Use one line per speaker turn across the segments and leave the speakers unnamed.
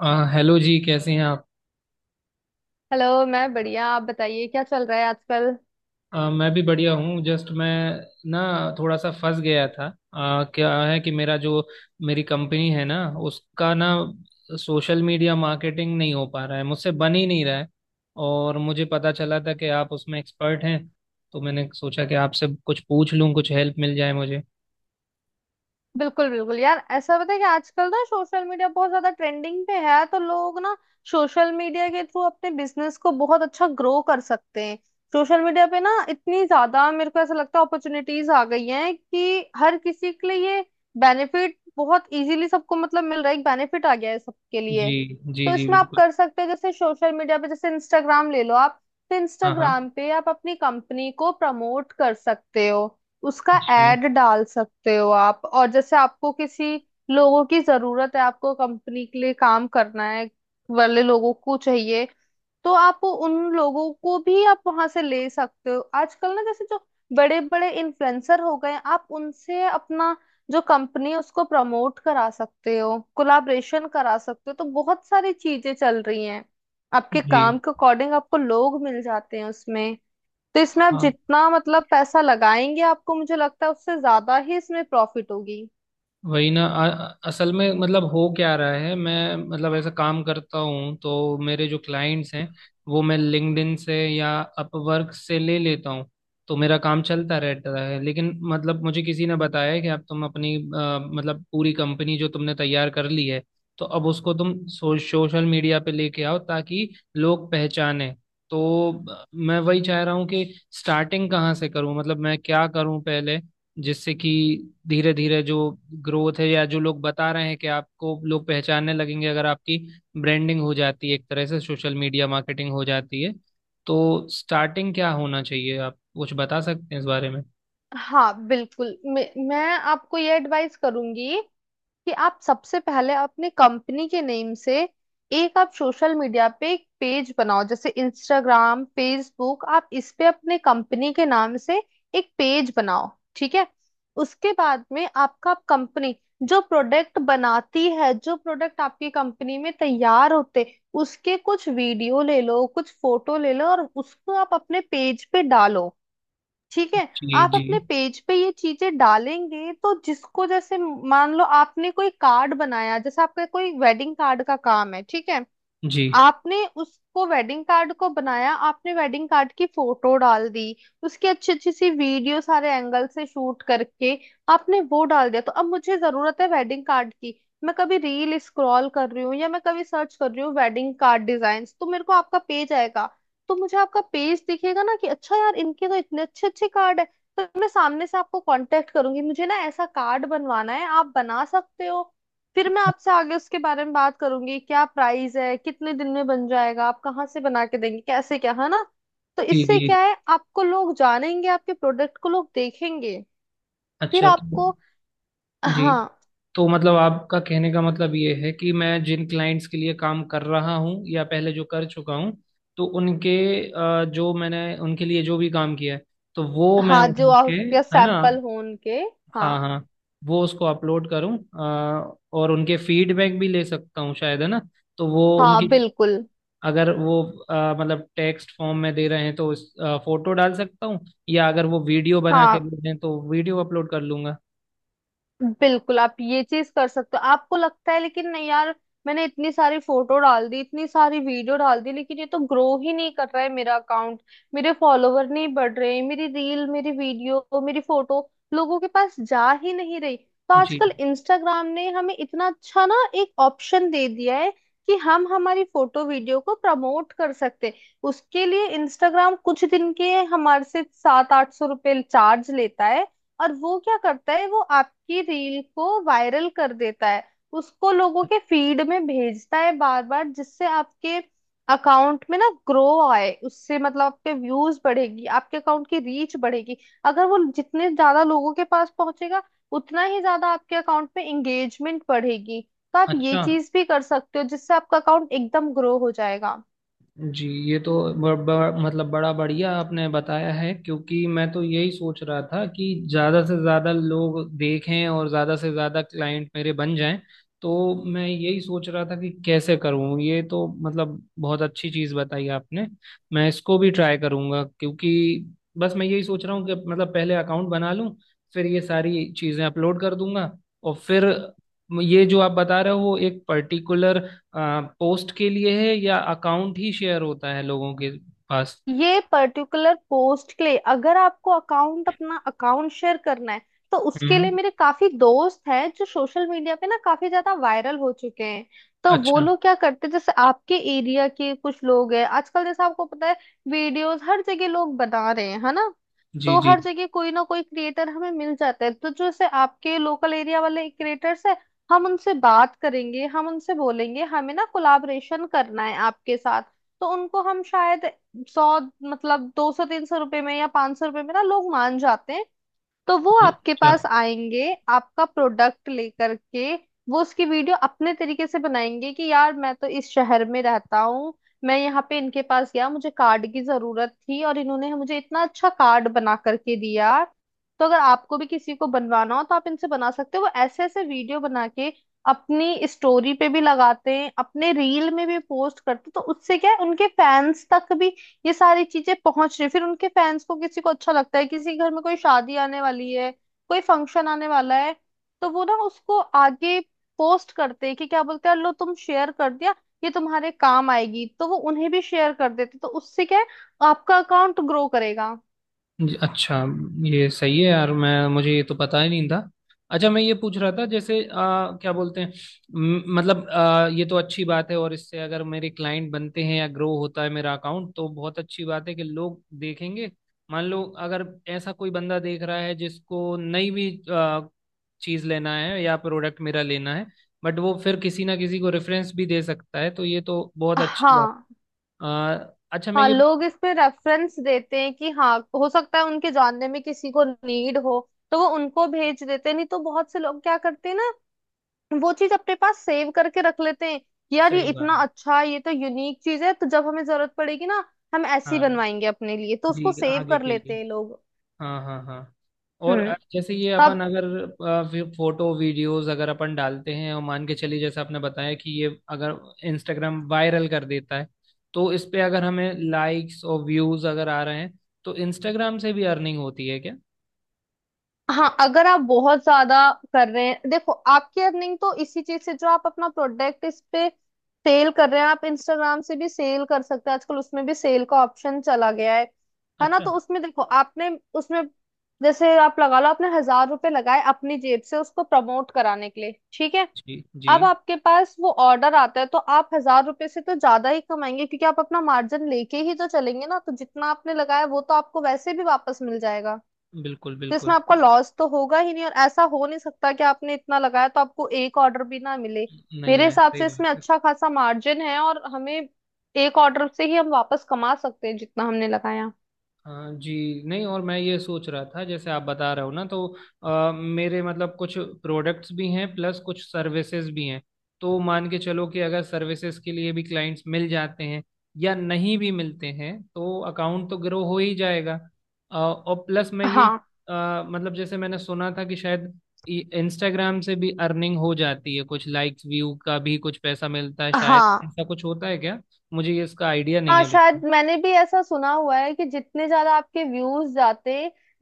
Hello जी, कैसे हैं आप।
हेलो। मैं बढ़िया, आप बताइए क्या चल रहा है आजकल।
मैं भी बढ़िया हूँ। जस्ट मैं ना थोड़ा सा फंस गया था। क्या है कि मेरा जो मेरी कंपनी है ना, उसका ना, सोशल मीडिया मार्केटिंग नहीं हो पा रहा है, मुझसे बन ही नहीं रहा है। और मुझे पता चला था कि आप उसमें एक्सपर्ट हैं, तो मैंने सोचा कि आपसे कुछ पूछ लूँ, कुछ हेल्प मिल जाए मुझे।
बिल्कुल बिल्कुल यार, ऐसा पता है कि आजकल ना सोशल मीडिया बहुत ज्यादा ट्रेंडिंग पे है, तो लोग ना सोशल मीडिया के थ्रू अपने बिजनेस को बहुत अच्छा ग्रो कर सकते हैं। सोशल मीडिया पे ना इतनी ज्यादा मेरे को ऐसा लगता है अपॉर्चुनिटीज आ गई हैं कि हर किसी के लिए ये बेनिफिट बहुत इजीली सबको मतलब मिल रहा है, एक बेनिफिट आ गया है सबके लिए।
जी। जी
तो
जी,
इसमें आप
बिल्कुल।
कर सकते हो, जैसे सोशल मीडिया पे जैसे इंस्टाग्राम ले लो आप, तो
हाँ हाँ।
इंस्टाग्राम पे आप अपनी कंपनी को प्रमोट कर सकते हो, उसका
जी।
एड डाल सकते हो आप। और जैसे आपको किसी लोगों की जरूरत है, आपको कंपनी के लिए काम करना है वाले लोगों को चाहिए, तो आप उन लोगों को भी आप वहां से ले सकते हो। आजकल ना जैसे जो बड़े बड़े इन्फ्लुएंसर हो गए हैं, आप उनसे अपना जो कंपनी है उसको प्रमोट करा सकते हो, कोलाब्रेशन करा सकते हो। तो बहुत सारी चीजें चल रही हैं, आपके
जी।
काम के अकॉर्डिंग आपको लोग मिल जाते हैं उसमें। तो इसमें आप
हाँ।
जितना मतलब पैसा लगाएंगे आपको मुझे लगता है उससे ज्यादा ही इसमें प्रॉफिट होगी।
वही ना। असल में मतलब हो क्या रहा है, मैं मतलब ऐसा काम करता हूँ, तो मेरे जो क्लाइंट्स हैं वो मैं लिंक्डइन से या अपवर्क से ले लेता हूँ, तो मेरा काम चलता रहता है। लेकिन मतलब मुझे किसी ने बताया है कि अब तुम अपनी मतलब पूरी कंपनी जो तुमने तैयार कर ली है, तो अब उसको तुम सोशल मीडिया पे लेके आओ, ताकि लोग पहचाने। तो मैं वही चाह रहा हूँ कि स्टार्टिंग कहाँ से करूँ, मतलब मैं क्या करूँ पहले, जिससे कि धीरे धीरे जो ग्रोथ है, या जो लोग बता रहे हैं कि आपको लोग पहचानने लगेंगे अगर आपकी ब्रांडिंग हो जाती है, एक तरह से सोशल मीडिया मार्केटिंग हो जाती है। तो स्टार्टिंग क्या होना चाहिए, आप कुछ बता सकते हैं इस बारे में।
हाँ बिल्कुल, मैं आपको ये एडवाइस करूंगी कि आप सबसे पहले अपने कंपनी के नेम से एक आप सोशल मीडिया पे एक पेज बनाओ, जैसे इंस्टाग्राम, फेसबुक। आप इस पे अपने कंपनी के नाम से एक पेज बनाओ, ठीक है। उसके बाद में आपका कंपनी जो प्रोडक्ट बनाती है, जो प्रोडक्ट आपकी कंपनी में तैयार होते, उसके कुछ वीडियो ले लो, कुछ फोटो ले लो और उसको आप अपने पेज पे डालो, ठीक है।
जी
आप
जी।
अपने पेज पे ये चीजें डालेंगे तो जिसको जैसे, मान लो आपने कोई कार्ड बनाया, जैसे आपका कोई वेडिंग कार्ड का काम है, ठीक है।
जी।
आपने उसको वेडिंग कार्ड को बनाया, आपने वेडिंग कार्ड की फोटो डाल दी, उसकी अच्छी अच्छी सी वीडियो सारे एंगल से शूट करके आपने वो डाल दिया, तो अब मुझे जरूरत है वेडिंग कार्ड की। मैं कभी रील स्क्रॉल कर रही हूँ या मैं कभी सर्च कर रही हूँ वेडिंग कार्ड डिजाइन्स, तो मेरे को आपका पेज आएगा, तो मुझे आपका पेज दिखेगा ना कि अच्छा यार, इनके तो इतने अच्छे अच्छे कार्ड है। तो मैं सामने से आपको कांटेक्ट करूंगी, मुझे ना ऐसा कार्ड बनवाना है, आप बना सकते हो। फिर मैं आपसे आगे उसके बारे में बात करूंगी, क्या प्राइस है, कितने दिन में बन जाएगा, आप कहाँ से बना के देंगे, कैसे क्या है ना। तो
जी।
इससे
जी,
क्या है, आपको लोग जानेंगे, आपके प्रोडक्ट को लोग देखेंगे। फिर
अच्छा। तो
आपको,
जी,
हाँ,
तो मतलब आपका कहने का मतलब ये है कि मैं जिन क्लाइंट्स के लिए काम कर रहा हूँ या पहले जो कर चुका हूँ, तो उनके, जो मैंने उनके लिए जो भी काम किया है, तो वो मैं
हाँ जो
उठा के,
आपके
है ना।
सैंपल हो उनके,
हाँ
हाँ,
हाँ। वो उसको अपलोड करूँ, और उनके फीडबैक भी ले सकता हूँ शायद, है ना। तो वो
हाँ
उनकी,
बिल्कुल।
अगर वो मतलब टेक्स्ट फॉर्म में दे रहे हैं तो उस फोटो डाल सकता हूँ, या अगर वो वीडियो बना के
हाँ
दे दें तो वीडियो अपलोड कर लूंगा।
बिल्कुल, आप ये चीज कर सकते हो। आपको लगता है लेकिन नहीं यार, मैंने इतनी सारी फोटो डाल दी, इतनी सारी वीडियो डाल दी, लेकिन ये तो ग्रो ही नहीं कर रहा है मेरा अकाउंट, मेरे फॉलोवर नहीं बढ़ रहे, मेरी रील, मेरी वीडियो, मेरी फोटो लोगों के पास जा ही नहीं रही। तो
जी,
आजकल इंस्टाग्राम ने हमें इतना अच्छा ना एक ऑप्शन दे दिया है कि हम हमारी फोटो वीडियो को प्रमोट कर सकते हैं। उसके लिए इंस्टाग्राम कुछ दिन के हमारे से 700-800 रुपये चार्ज लेता है, और वो क्या करता है, वो आपकी रील को वायरल कर देता है, उसको लोगों के फीड में भेजता है बार बार, जिससे आपके अकाउंट में ना ग्रो आए। उससे मतलब आपके व्यूज बढ़ेगी, आपके अकाउंट की रीच बढ़ेगी। अगर वो जितने ज्यादा लोगों के पास पहुंचेगा, उतना ही ज्यादा आपके अकाउंट में एंगेजमेंट बढ़ेगी। तो आप ये
अच्छा।
चीज भी कर सकते हो, जिससे आपका अकाउंट एकदम ग्रो हो जाएगा।
जी, ये तो ब, ब, मतलब बड़ा बढ़िया आपने बताया है, क्योंकि मैं तो यही सोच रहा था कि ज़्यादा से ज़्यादा लोग देखें और ज़्यादा से ज़्यादा क्लाइंट मेरे बन जाएं। तो मैं यही सोच रहा था कि कैसे करूं, ये तो मतलब बहुत अच्छी चीज़ बताई आपने। मैं इसको भी ट्राई करूंगा, क्योंकि बस मैं यही सोच रहा हूँ कि मतलब पहले अकाउंट बना लूं, फिर ये सारी चीज़ें अपलोड कर दूंगा। और फिर ये जो आप बता रहे हो, वो एक पर्टिकुलर पोस्ट के लिए है या अकाउंट ही शेयर होता है लोगों के पास।
ये पर्टिकुलर पोस्ट के लिए। अगर आपको अकाउंट, अपना अकाउंट शेयर करना है, तो उसके
हम्म।
लिए मेरे काफी दोस्त हैं जो सोशल मीडिया पे ना काफी ज्यादा वायरल हो चुके हैं। तो वो
अच्छा।
लोग क्या करते हैं, जैसे आपके एरिया के कुछ लोग हैं आजकल, जैसे आपको पता है, वीडियोस हर जगह लोग बना रहे हैं, है ना।
जी
तो
जी।
हर जगह कोई ना कोई क्रिएटर हमें मिल जाता है। तो जैसे आपके लोकल एरिया वाले क्रिएटर्स है, हम उनसे बात करेंगे, हम उनसे बोलेंगे हमें ना कोलाबरेशन करना है आपके साथ। तो उनको हम शायद 100, मतलब 200-300 रुपए में या 500 रुपए में ना लोग मान जाते हैं। तो वो आपके
अच्छा।
पास आएंगे, आपका प्रोडक्ट लेकर के, वो उसकी वीडियो अपने तरीके से बनाएंगे कि यार, मैं तो इस शहर में रहता हूँ, मैं यहाँ पे इनके पास गया, मुझे कार्ड की जरूरत थी और इन्होंने मुझे इतना अच्छा कार्ड बना करके दिया। तो अगर आपको भी किसी को बनवाना हो तो आप इनसे बना सकते हो। वो ऐसे ऐसे वीडियो बना के अपनी स्टोरी पे भी लगाते हैं, अपने रील में भी पोस्ट करते हैं। तो उससे क्या है, उनके फैंस तक भी ये सारी चीजें पहुंच रही। फिर उनके फैंस को, किसी को अच्छा लगता है, किसी के घर में कोई शादी आने वाली है, कोई फंक्शन आने वाला है, तो वो ना उसको आगे पोस्ट करते हैं कि क्या बोलते हैं, लो तुम शेयर कर दिया, ये तुम्हारे काम आएगी। तो वो उन्हें भी शेयर कर देते, तो उससे क्या है, आपका अकाउंट ग्रो करेगा।
जी, अच्छा। ये सही है यार, मैं, मुझे ये तो पता ही नहीं था। अच्छा मैं ये पूछ रहा था, जैसे क्या बोलते हैं, मतलब ये तो अच्छी बात है, और इससे अगर मेरे क्लाइंट बनते हैं या ग्रो होता है मेरा अकाउंट, तो बहुत अच्छी बात है कि लोग देखेंगे। मान लो अगर ऐसा कोई बंदा देख रहा है जिसको नहीं भी चीज लेना है या प्रोडक्ट मेरा लेना है, बट वो फिर किसी ना किसी को रेफरेंस भी दे सकता है, तो ये तो बहुत अच्छी बात।
हाँ।
अ, अच्छा मैं
हाँ
ये,
लोग इसमें रेफरेंस देते हैं कि हाँ हो सकता है उनके जानने में किसी को नीड हो, तो वो उनको भेज देते हैं। नहीं तो बहुत से लोग क्या करते हैं ना, वो चीज अपने पास सेव करके रख लेते हैं कि यार ये
सही
इतना
बात।
अच्छा है, ये तो यूनिक चीज है, तो जब हमें जरूरत पड़ेगी ना हम ऐसी
हाँ
बनवाएंगे अपने लिए। तो उसको
जी,
सेव
आगे
कर
के लिए।
लेते हैं लोग।
हाँ हाँ हाँ। और
हम्म।
जैसे ये अपन
तब,
अगर फोटो वीडियोस अगर अपन डालते हैं, और मान के चलिए जैसे आपने बताया कि ये अगर इंस्टाग्राम वायरल कर देता है, तो इस पे अगर हमें लाइक्स और व्यूज अगर आ रहे हैं, तो इंस्टाग्राम से भी अर्निंग होती है क्या।
हाँ अगर आप बहुत ज्यादा कर रहे हैं, देखो आपकी अर्निंग तो इसी चीज से, जो आप अपना प्रोडक्ट इस पे सेल कर रहे हैं, आप इंस्टाग्राम से भी सेल कर सकते हैं। आजकल उसमें भी सेल का ऑप्शन चला गया है ना।
अच्छा।
तो उसमें देखो आपने, उसमें जैसे आप लगा लो, आपने 1000 रुपए लगाए अपनी जेब से उसको प्रमोट कराने के लिए, ठीक है।
जी जी।
अब आपके पास वो ऑर्डर आता है, तो आप 1000 रुपए से तो ज्यादा ही कमाएंगे, क्योंकि आप अपना मार्जिन लेके ही तो चलेंगे ना। तो जितना आपने लगाया वो तो आपको वैसे भी वापस मिल जाएगा।
बिल्कुल
तो
बिल्कुल।
इसमें आपका लॉस तो होगा ही नहीं, और ऐसा हो नहीं सकता कि आपने इतना लगाया तो आपको एक ऑर्डर भी ना मिले।
नहीं
मेरे
है,
हिसाब
सही
से
बात
इसमें
है।
अच्छा खासा मार्जिन है, और हमें एक ऑर्डर से ही हम वापस कमा सकते हैं जितना हमने लगाया।
हाँ जी। नहीं, और मैं ये सोच रहा था जैसे आप बता रहे हो ना, तो मेरे मतलब कुछ प्रोडक्ट्स भी हैं, प्लस कुछ सर्विसेज भी हैं। तो मान के चलो कि अगर सर्विसेज के लिए भी क्लाइंट्स मिल जाते हैं या नहीं भी मिलते हैं, तो अकाउंट तो ग्रो हो ही जाएगा। और प्लस मैं ये
हाँ।
मतलब जैसे मैंने सुना था कि शायद इंस्टाग्राम से भी अर्निंग हो जाती है, कुछ लाइक्स व्यू का भी कुछ पैसा मिलता है शायद,
हाँ।
ऐसा कुछ होता है क्या। मुझे ये इसका आइडिया नहीं
हाँ
है
शायद
बिल्कुल।
मैंने भी ऐसा सुना हुआ है कि जितने ज्यादा आपके व्यूज जाते,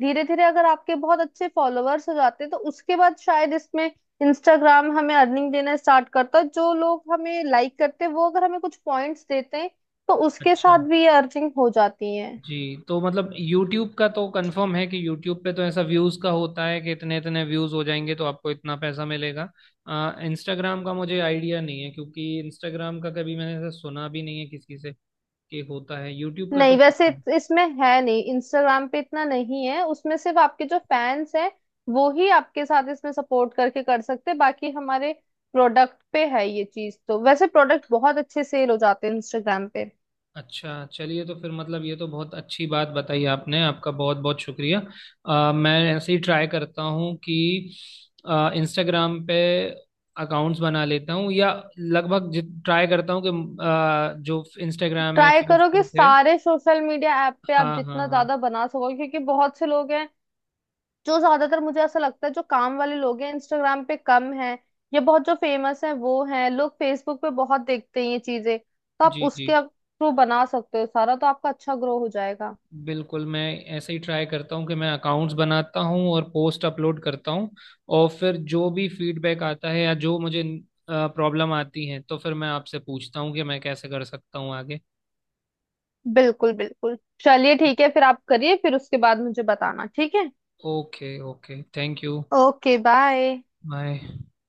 धीरे धीरे अगर आपके बहुत अच्छे फॉलोअर्स हो जाते, तो उसके बाद शायद इसमें इंस्टाग्राम हमें अर्निंग देना स्टार्ट करता है। जो लोग हमें लाइक करते हैं वो अगर हमें कुछ पॉइंट्स देते हैं तो उसके
अच्छा।
साथ भी ये अर्निंग हो जाती है।
जी, तो मतलब यूट्यूब का तो कंफर्म है कि यूट्यूब पे तो ऐसा व्यूज का होता है कि इतने इतने व्यूज हो जाएंगे तो आपको इतना पैसा मिलेगा। इंस्टाग्राम का मुझे आइडिया नहीं है, क्योंकि इंस्टाग्राम का कभी मैंने ऐसा सुना भी नहीं है किसी से कि होता है, यूट्यूब का
नहीं,
तो।
वैसे इसमें है नहीं, इंस्टाग्राम पे इतना नहीं है। उसमें सिर्फ आपके जो फैंस हैं वो ही आपके साथ इसमें सपोर्ट करके कर सकते हैं। बाकी हमारे प्रोडक्ट पे है ये चीज, तो वैसे प्रोडक्ट बहुत अच्छे सेल हो जाते हैं इंस्टाग्राम पे।
अच्छा, चलिए तो फिर मतलब ये तो बहुत अच्छी बात बताई आपने, आपका बहुत बहुत शुक्रिया। मैं ऐसे ही ट्राई करता हूँ कि इंस्टाग्राम पे अकाउंट्स बना लेता हूँ, या लगभग ट्राई करता हूँ कि जो इंस्टाग्राम है,
ट्राई करो कि
फेसबुक है।
सारे सोशल मीडिया ऐप पे आप
हाँ हाँ
जितना
हाँ।
ज्यादा बना सको, क्योंकि बहुत से लोग हैं जो ज्यादातर, मुझे ऐसा लगता है, जो काम वाले लोग हैं इंस्टाग्राम पे कम हैं, या बहुत जो फेमस हैं वो हैं। लोग फेसबुक पे बहुत देखते हैं ये चीजें, तो आप
जी जी,
उसके थ्रू बना सकते हो सारा, तो आपका अच्छा ग्रो हो जाएगा।
बिल्कुल। मैं ऐसे ही ट्राई करता हूँ कि मैं अकाउंट्स बनाता हूँ और पोस्ट अपलोड करता हूँ, और फिर जो भी फीडबैक आता है या जो मुझे प्रॉब्लम आती है, तो फिर मैं आपसे पूछता हूँ कि मैं कैसे कर सकता हूँ आगे।
बिल्कुल बिल्कुल। चलिए ठीक है, फिर आप करिए, फिर उसके बाद मुझे बताना, ठीक है।
Okay okay, thank you.
Okay, bye.
Bye.